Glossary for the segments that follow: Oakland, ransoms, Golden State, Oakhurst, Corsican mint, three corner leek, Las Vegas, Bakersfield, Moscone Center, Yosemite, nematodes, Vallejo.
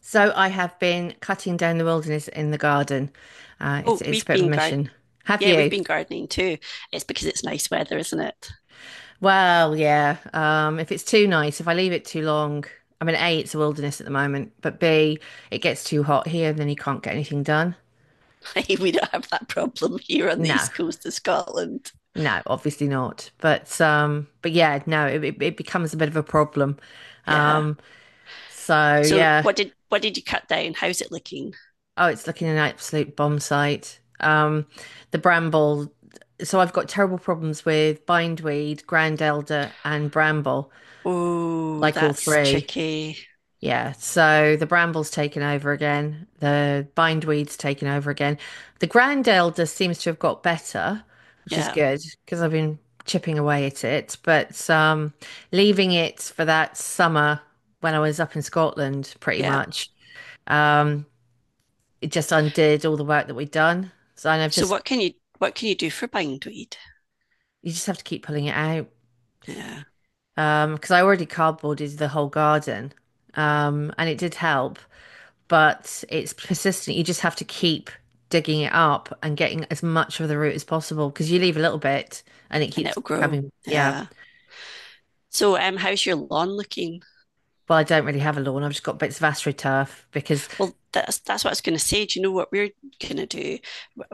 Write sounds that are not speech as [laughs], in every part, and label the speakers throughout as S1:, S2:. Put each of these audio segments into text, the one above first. S1: So I have been cutting down the wilderness in the garden. It's
S2: Oh,
S1: it's a
S2: we've
S1: bit of
S2: been
S1: a
S2: garden.
S1: mission. Have
S2: Yeah, we've
S1: you?
S2: been gardening too. It's because it's nice weather, isn't it?
S1: Well, yeah. If it's too nice, if I leave it too long, I mean, A, it's a wilderness at the moment, but B, it gets too hot here and then you can't get anything done.
S2: [laughs] We don't have that problem here on the
S1: No,
S2: east coast of Scotland.
S1: no, obviously not. But yeah, no, it becomes a bit of a problem.
S2: Yeah.
S1: Um, so
S2: So
S1: yeah,
S2: what did you cut down? How's it looking?
S1: oh, it's looking an absolute bomb site. The bramble. So I've got terrible problems with bindweed, grand elder, and bramble,
S2: Oh,
S1: like all
S2: that's
S1: three.
S2: tricky.
S1: Yeah. So the bramble's taken over again. The bindweed's taken over again. The grand elder seems to have got better, which is
S2: Yeah,
S1: good because I've been chipping away at it. But leaving it for that summer when I was up in Scotland, pretty
S2: yeah.
S1: much. Um, it just undid all the work that we'd done. So and I've
S2: So
S1: just
S2: what can you do for bindweed?
S1: you just have to keep pulling it out.
S2: Yeah,
S1: Because I already cardboarded the whole garden. And it did help, but it's persistent. You just have to keep digging it up and getting as much of the root as possible because you leave a little bit and it
S2: and
S1: keeps
S2: it'll grow.
S1: coming. Yeah.
S2: Yeah. So how's your lawn looking?
S1: Well, I don't really have a lawn. I've just got bits of astroturf because
S2: Well, that's what I was going to say. Do you know what we're going to do?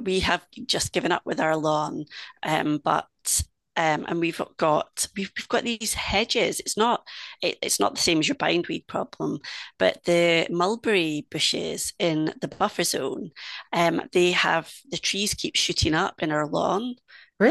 S2: We have just given up with our lawn, but and we've got these hedges. It's not it's not the same as your bindweed problem, but the mulberry bushes in the buffer zone, they have the trees keep shooting up in our lawn.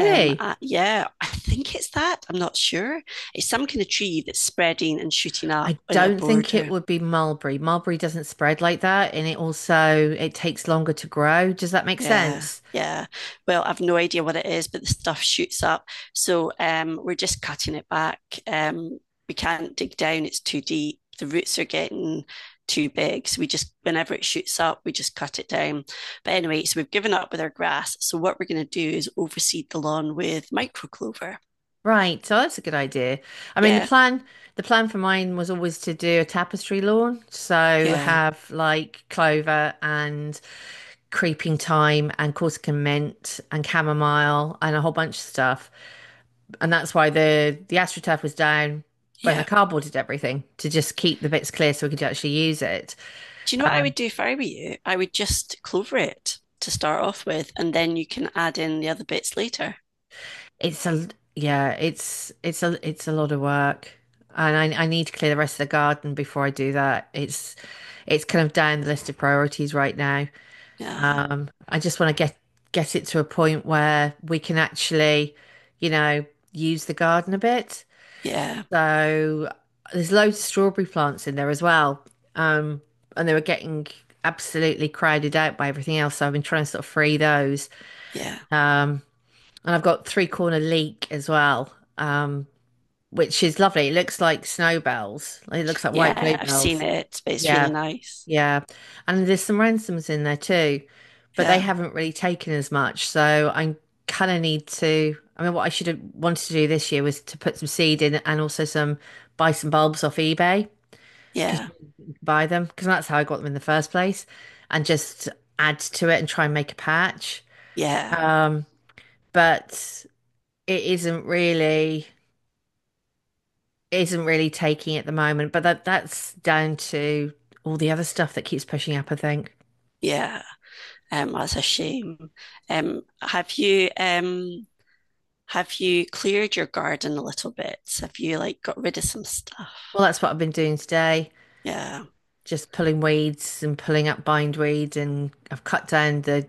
S2: Yeah, I think it's that. I'm not sure. It's some kind of tree that's spreading and shooting up
S1: I
S2: in our
S1: don't think it
S2: border.
S1: would be mulberry. Mulberry doesn't spread like that, and it also it takes longer to grow. Does that make
S2: Yeah,
S1: sense?
S2: yeah. Well, I've no idea what it is, but the stuff shoots up. So we're just cutting it back. Um, we can't dig down, it's too deep. The roots are getting too big. So we just, whenever it shoots up, we just cut it down. But anyway, so we've given up with our grass. So what we're going to do is overseed the lawn with micro clover.
S1: Right, so that's a good idea. I mean, the
S2: Yeah,
S1: plan the plan for mine was always to do a tapestry lawn, so
S2: yeah,
S1: have like clover and creeping thyme and Corsican mint and chamomile and a whole bunch of stuff. And that's why the astroturf was down when I
S2: yeah.
S1: cardboarded everything to just keep the bits clear so we could actually use it.
S2: Do you know what I would do if I were you? I would just clover it to start off with, and then you can add in the other bits later.
S1: It's a Yeah, it's a lot of work. And I need to clear the rest of the garden before I do that. It's kind of down the list of priorities right now.
S2: Yeah,
S1: I just want to get it to a point where we can actually, you know, use the garden a bit.
S2: yeah,
S1: So there's loads of strawberry plants in there as well. Um, and they were getting absolutely crowded out by everything else. So I've been trying to sort of free those.
S2: yeah.
S1: Um, and I've got three corner leek as well, um, which is lovely. It looks like snowbells. It looks like white
S2: Yeah, I've seen
S1: bluebells.
S2: it, but it's really
S1: Yeah,
S2: nice.
S1: yeah. And there's some ransoms in there too, but they
S2: Yeah,
S1: haven't really taken as much. So I kind of need to. I mean, what I should have wanted to do this year was to put some seed in and also some buy some bulbs off eBay because
S2: yeah,
S1: you can buy them because that's how I got them in the first place, and just add to it and try and make a patch.
S2: yeah,
S1: Um, but it isn't really taking at the moment, but that's down to all the other stuff that keeps pushing up, I think.
S2: yeah. That's a shame. Have you have you cleared your garden a little bit? Have you like got rid of some stuff?
S1: Well, that's what I've been doing today,
S2: Yeah,
S1: just pulling weeds and pulling up bindweed, and I've cut down the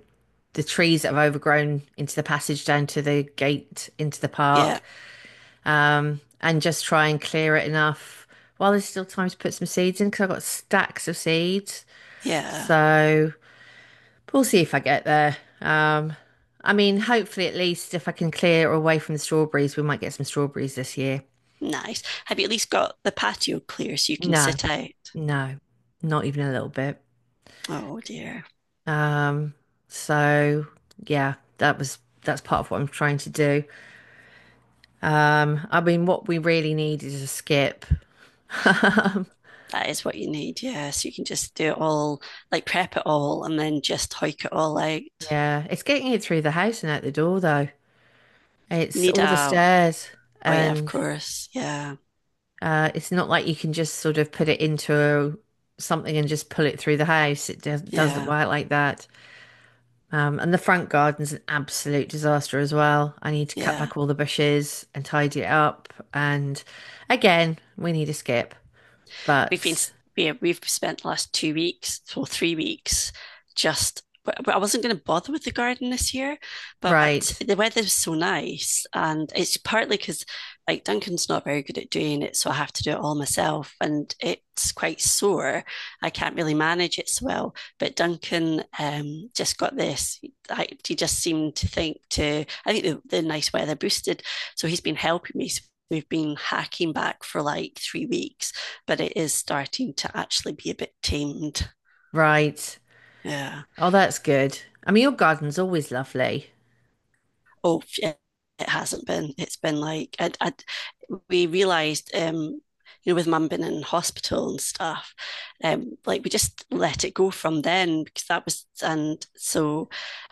S1: the trees that have overgrown into the passage down to the gate into the
S2: yeah,
S1: park, and just try and clear it enough while there's still time to put some seeds in because I've got stacks of seeds.
S2: yeah.
S1: So we'll see if I get there. I mean, hopefully, at least if I can clear away from the strawberries, we might get some strawberries this year.
S2: Nice. Have you at least got the patio clear so you can
S1: No,
S2: sit out?
S1: no, not even a little bit.
S2: Oh dear.
S1: Um, so yeah, that's part of what I'm trying to do. I mean, what we really need is a skip. [laughs] Um,
S2: That is what you need, yeah. So you can just do it all, like prep it all and then just hike it all out.
S1: yeah, it's getting it through the house and out the door though.
S2: You
S1: It's
S2: need
S1: all the
S2: a,
S1: stairs
S2: oh yeah, of
S1: and
S2: course. Yeah,
S1: It's not like you can just sort of put it into something and just pull it through the house. Doesn't
S2: yeah,
S1: work like that. And the front garden's an absolute disaster as well. I need to cut
S2: yeah.
S1: back all the bushes and tidy it up. And again, we need a skip.
S2: We've been
S1: But
S2: yeah, we've spent the last 2 weeks or 3 weeks just I wasn't going to bother with the garden this year, but
S1: right,
S2: the weather was so nice, and it's partly because like Duncan's not very good at doing it, so I have to do it all myself, and it's quite sore. I can't really manage it so well. But Duncan just got this. He just seemed to think to. I think the nice weather boosted, so he's been helping me. So we've been hacking back for like 3 weeks but it is starting to actually be a bit tamed.
S1: right.
S2: Yeah.
S1: Oh, that's good. I mean, your garden's always lovely.
S2: Oh, it hasn't been. It's been like we realised, you know, with mum being in hospital and stuff, like we just let it go from then because that was, and so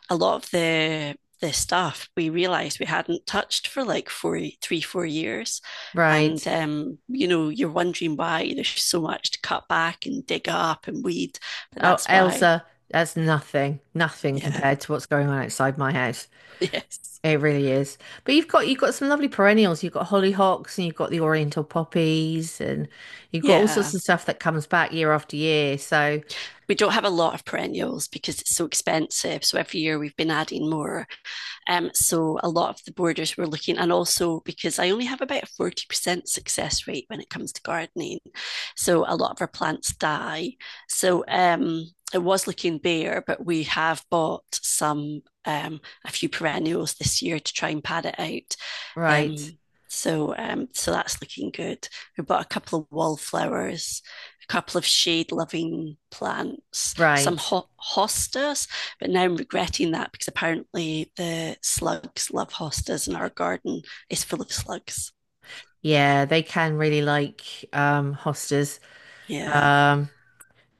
S2: a lot of the stuff we realised we hadn't touched for like four, three, 4 years,
S1: Right.
S2: and you know you're wondering why there's so much to cut back and dig up and weed, but
S1: Oh,
S2: that's why.
S1: Elsa, that's nothing, nothing
S2: Yeah.
S1: compared to what's going on outside my house.
S2: [laughs] Yes.
S1: It really is. But you've got some lovely perennials. You've got hollyhocks and you've got the oriental poppies and you've got all sorts
S2: Yeah.
S1: of stuff that comes back year after year. So,
S2: We don't have a lot of perennials because it's so expensive. So every year we've been adding more. So a lot of the borders we're looking, and also because I only have about a 40% success rate when it comes to gardening. So a lot of our plants die. So it was looking bare, but we have bought some a few perennials this year to try and pad it out.
S1: right,
S2: Um, so so that's looking good. We bought a couple of wallflowers, a couple of shade-loving plants, some
S1: right.
S2: ho- hostas, but now I'm regretting that because apparently the slugs love hostas, and our garden is full of slugs.
S1: Yeah, they can really like hostas.
S2: Yeah,
S1: Um,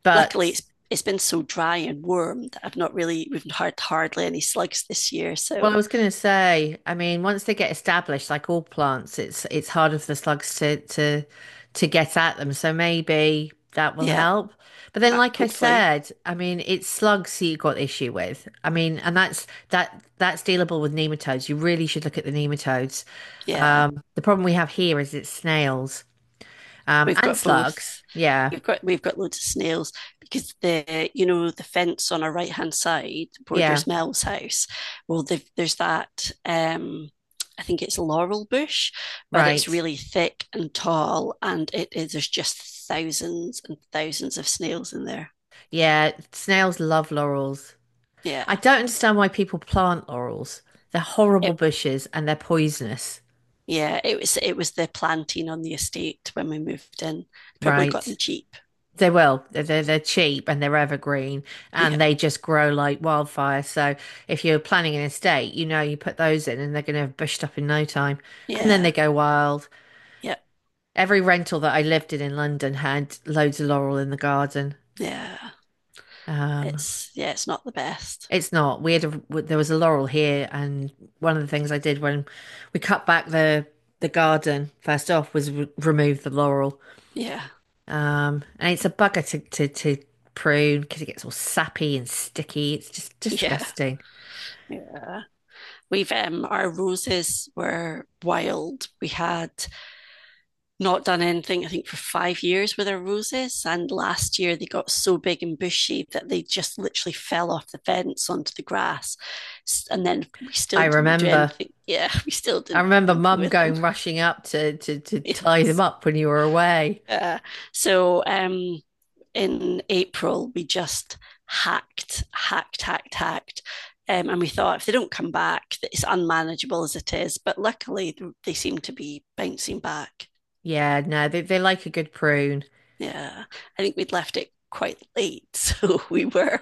S1: but
S2: luckily it's been so dry and warm that I've not really we've had hardly any slugs this year.
S1: well, I
S2: So
S1: was going to say, I mean, once they get established, like all plants, it's harder for the slugs to to get at them. So maybe that will
S2: yeah,
S1: help. But then, like I
S2: hopefully,
S1: said, I mean, it's slugs that you've got the issue with. I mean, and that's dealable with nematodes. You really should look at the nematodes.
S2: yeah.
S1: The problem we have here is it's snails,
S2: We've
S1: and
S2: got
S1: slugs.
S2: both.
S1: Yeah,
S2: We've got loads of snails because the you know the fence on our right hand side
S1: yeah,
S2: borders Mel's house. Well, there's that. I think it's laurel bush, but it's
S1: right.
S2: really thick and tall, and it is there's just thousands and thousands of snails in there.
S1: Yeah, snails love laurels. I
S2: Yeah,
S1: don't understand why people plant laurels. They're horrible
S2: it
S1: bushes and they're poisonous,
S2: yeah it was the planting on the estate when we moved in. Probably got them
S1: right?
S2: cheap. [laughs]
S1: They will. They're cheap and they're evergreen and
S2: Yeah,
S1: they just grow like wildfire. So if you're planning an estate, you know you put those in and they're going to have bushed up in no time. And then
S2: yeah,
S1: they go wild.
S2: yeah,
S1: Every rental that I lived in London had loads of laurel in the garden.
S2: yeah.
S1: Um,
S2: It's yeah, it's not the best.
S1: It's not. We had a. there was a laurel here, and one of the things I did when we cut back the garden first off was re remove the laurel.
S2: Yeah.
S1: And it's a bugger to prune because it gets all sappy and sticky. It's just
S2: [laughs] Yeah.
S1: disgusting.
S2: Yeah. We've Our roses were wild. We had not done anything, I think, for 5 years with our roses. And last year they got so big and bushy that they just literally fell off the fence onto the grass. And then we
S1: I
S2: still didn't do
S1: remember.
S2: anything. Yeah, [laughs] we still
S1: I
S2: didn't do
S1: remember
S2: anything
S1: Mum
S2: with them.
S1: going rushing up to
S2: [laughs]
S1: tie them
S2: Yes.
S1: up when you were away.
S2: Uh, so in April, we just hacked, hacked, hacked, hacked. And we thought if they don't come back, it's unmanageable as it is. But luckily, they seem to be bouncing back.
S1: Yeah, no, they like a good prune.
S2: Yeah, I think we'd left it quite late. [laughs] So we were,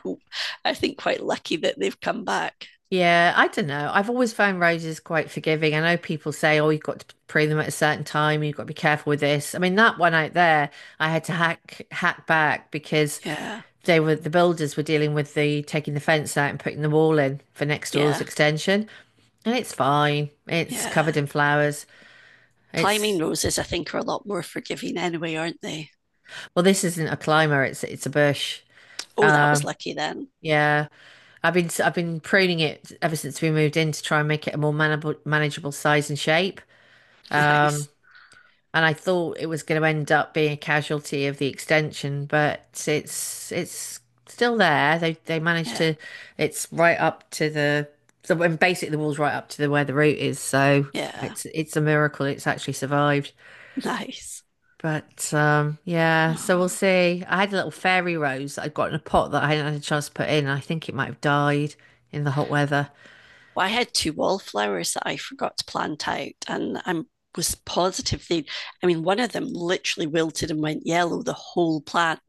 S2: I think, quite lucky that they've come back.
S1: Yeah, I don't know. I've always found roses quite forgiving. I know people say, oh, you've got to prune them at a certain time, you've got to be careful with this. I mean, that one out there, I had to hack back because
S2: Yeah,
S1: the builders were dealing with the taking the fence out and putting the wall in for next door's
S2: yeah,
S1: extension. And it's fine. It's
S2: yeah.
S1: covered in flowers.
S2: Climbing
S1: It's
S2: roses, I think, are a lot more forgiving anyway, aren't they?
S1: Well, this isn't a climber, it's a bush.
S2: Oh, that was
S1: Um,
S2: lucky then. [laughs]
S1: yeah. I've been pruning it ever since we moved in to try and make it a more manageable size and shape. Um,
S2: Nice.
S1: and I thought it was going to end up being a casualty of the extension, but it's still there. They managed
S2: Yeah,
S1: to. It's right up to the so and basically the wall's right up to the where the route is. So
S2: yeah,
S1: it's a miracle it's actually survived.
S2: nice.
S1: But yeah, so we'll
S2: Aww.
S1: see. I had a little fairy rose that I'd got in a pot that I hadn't had a chance to put in. I think it might have died in the hot weather.
S2: Well, I had 2 wallflowers that I forgot to plant out, and I was positive they I mean one of them literally wilted and went yellow the whole plant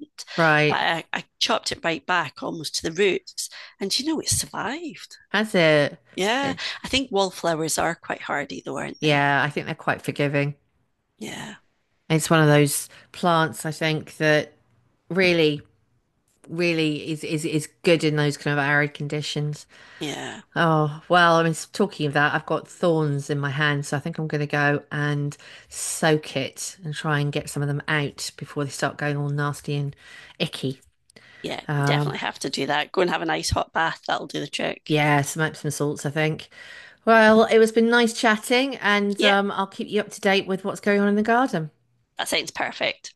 S2: but
S1: Right,
S2: I chopped it right back almost to the roots and you know it survived
S1: that's it.
S2: yeah
S1: Eh,
S2: I think wallflowers are quite hardy though aren't they
S1: Yeah, I think they're quite forgiving.
S2: yeah
S1: It's one of those plants, I think, that really, really is is good in those kind of arid conditions.
S2: yeah
S1: Oh, well, I mean, talking of that, I've got thorns in my hand, so I think I'm going to go and soak it and try and get some of them out before they start going all nasty and icky.
S2: yeah
S1: Um,
S2: definitely have to do that go and have a nice hot bath that'll do the trick
S1: yeah, some Epsom salts, I think. Well, it was been nice chatting, and
S2: yeah
S1: I'll keep you up to date with what's going on in the garden.
S2: that sounds perfect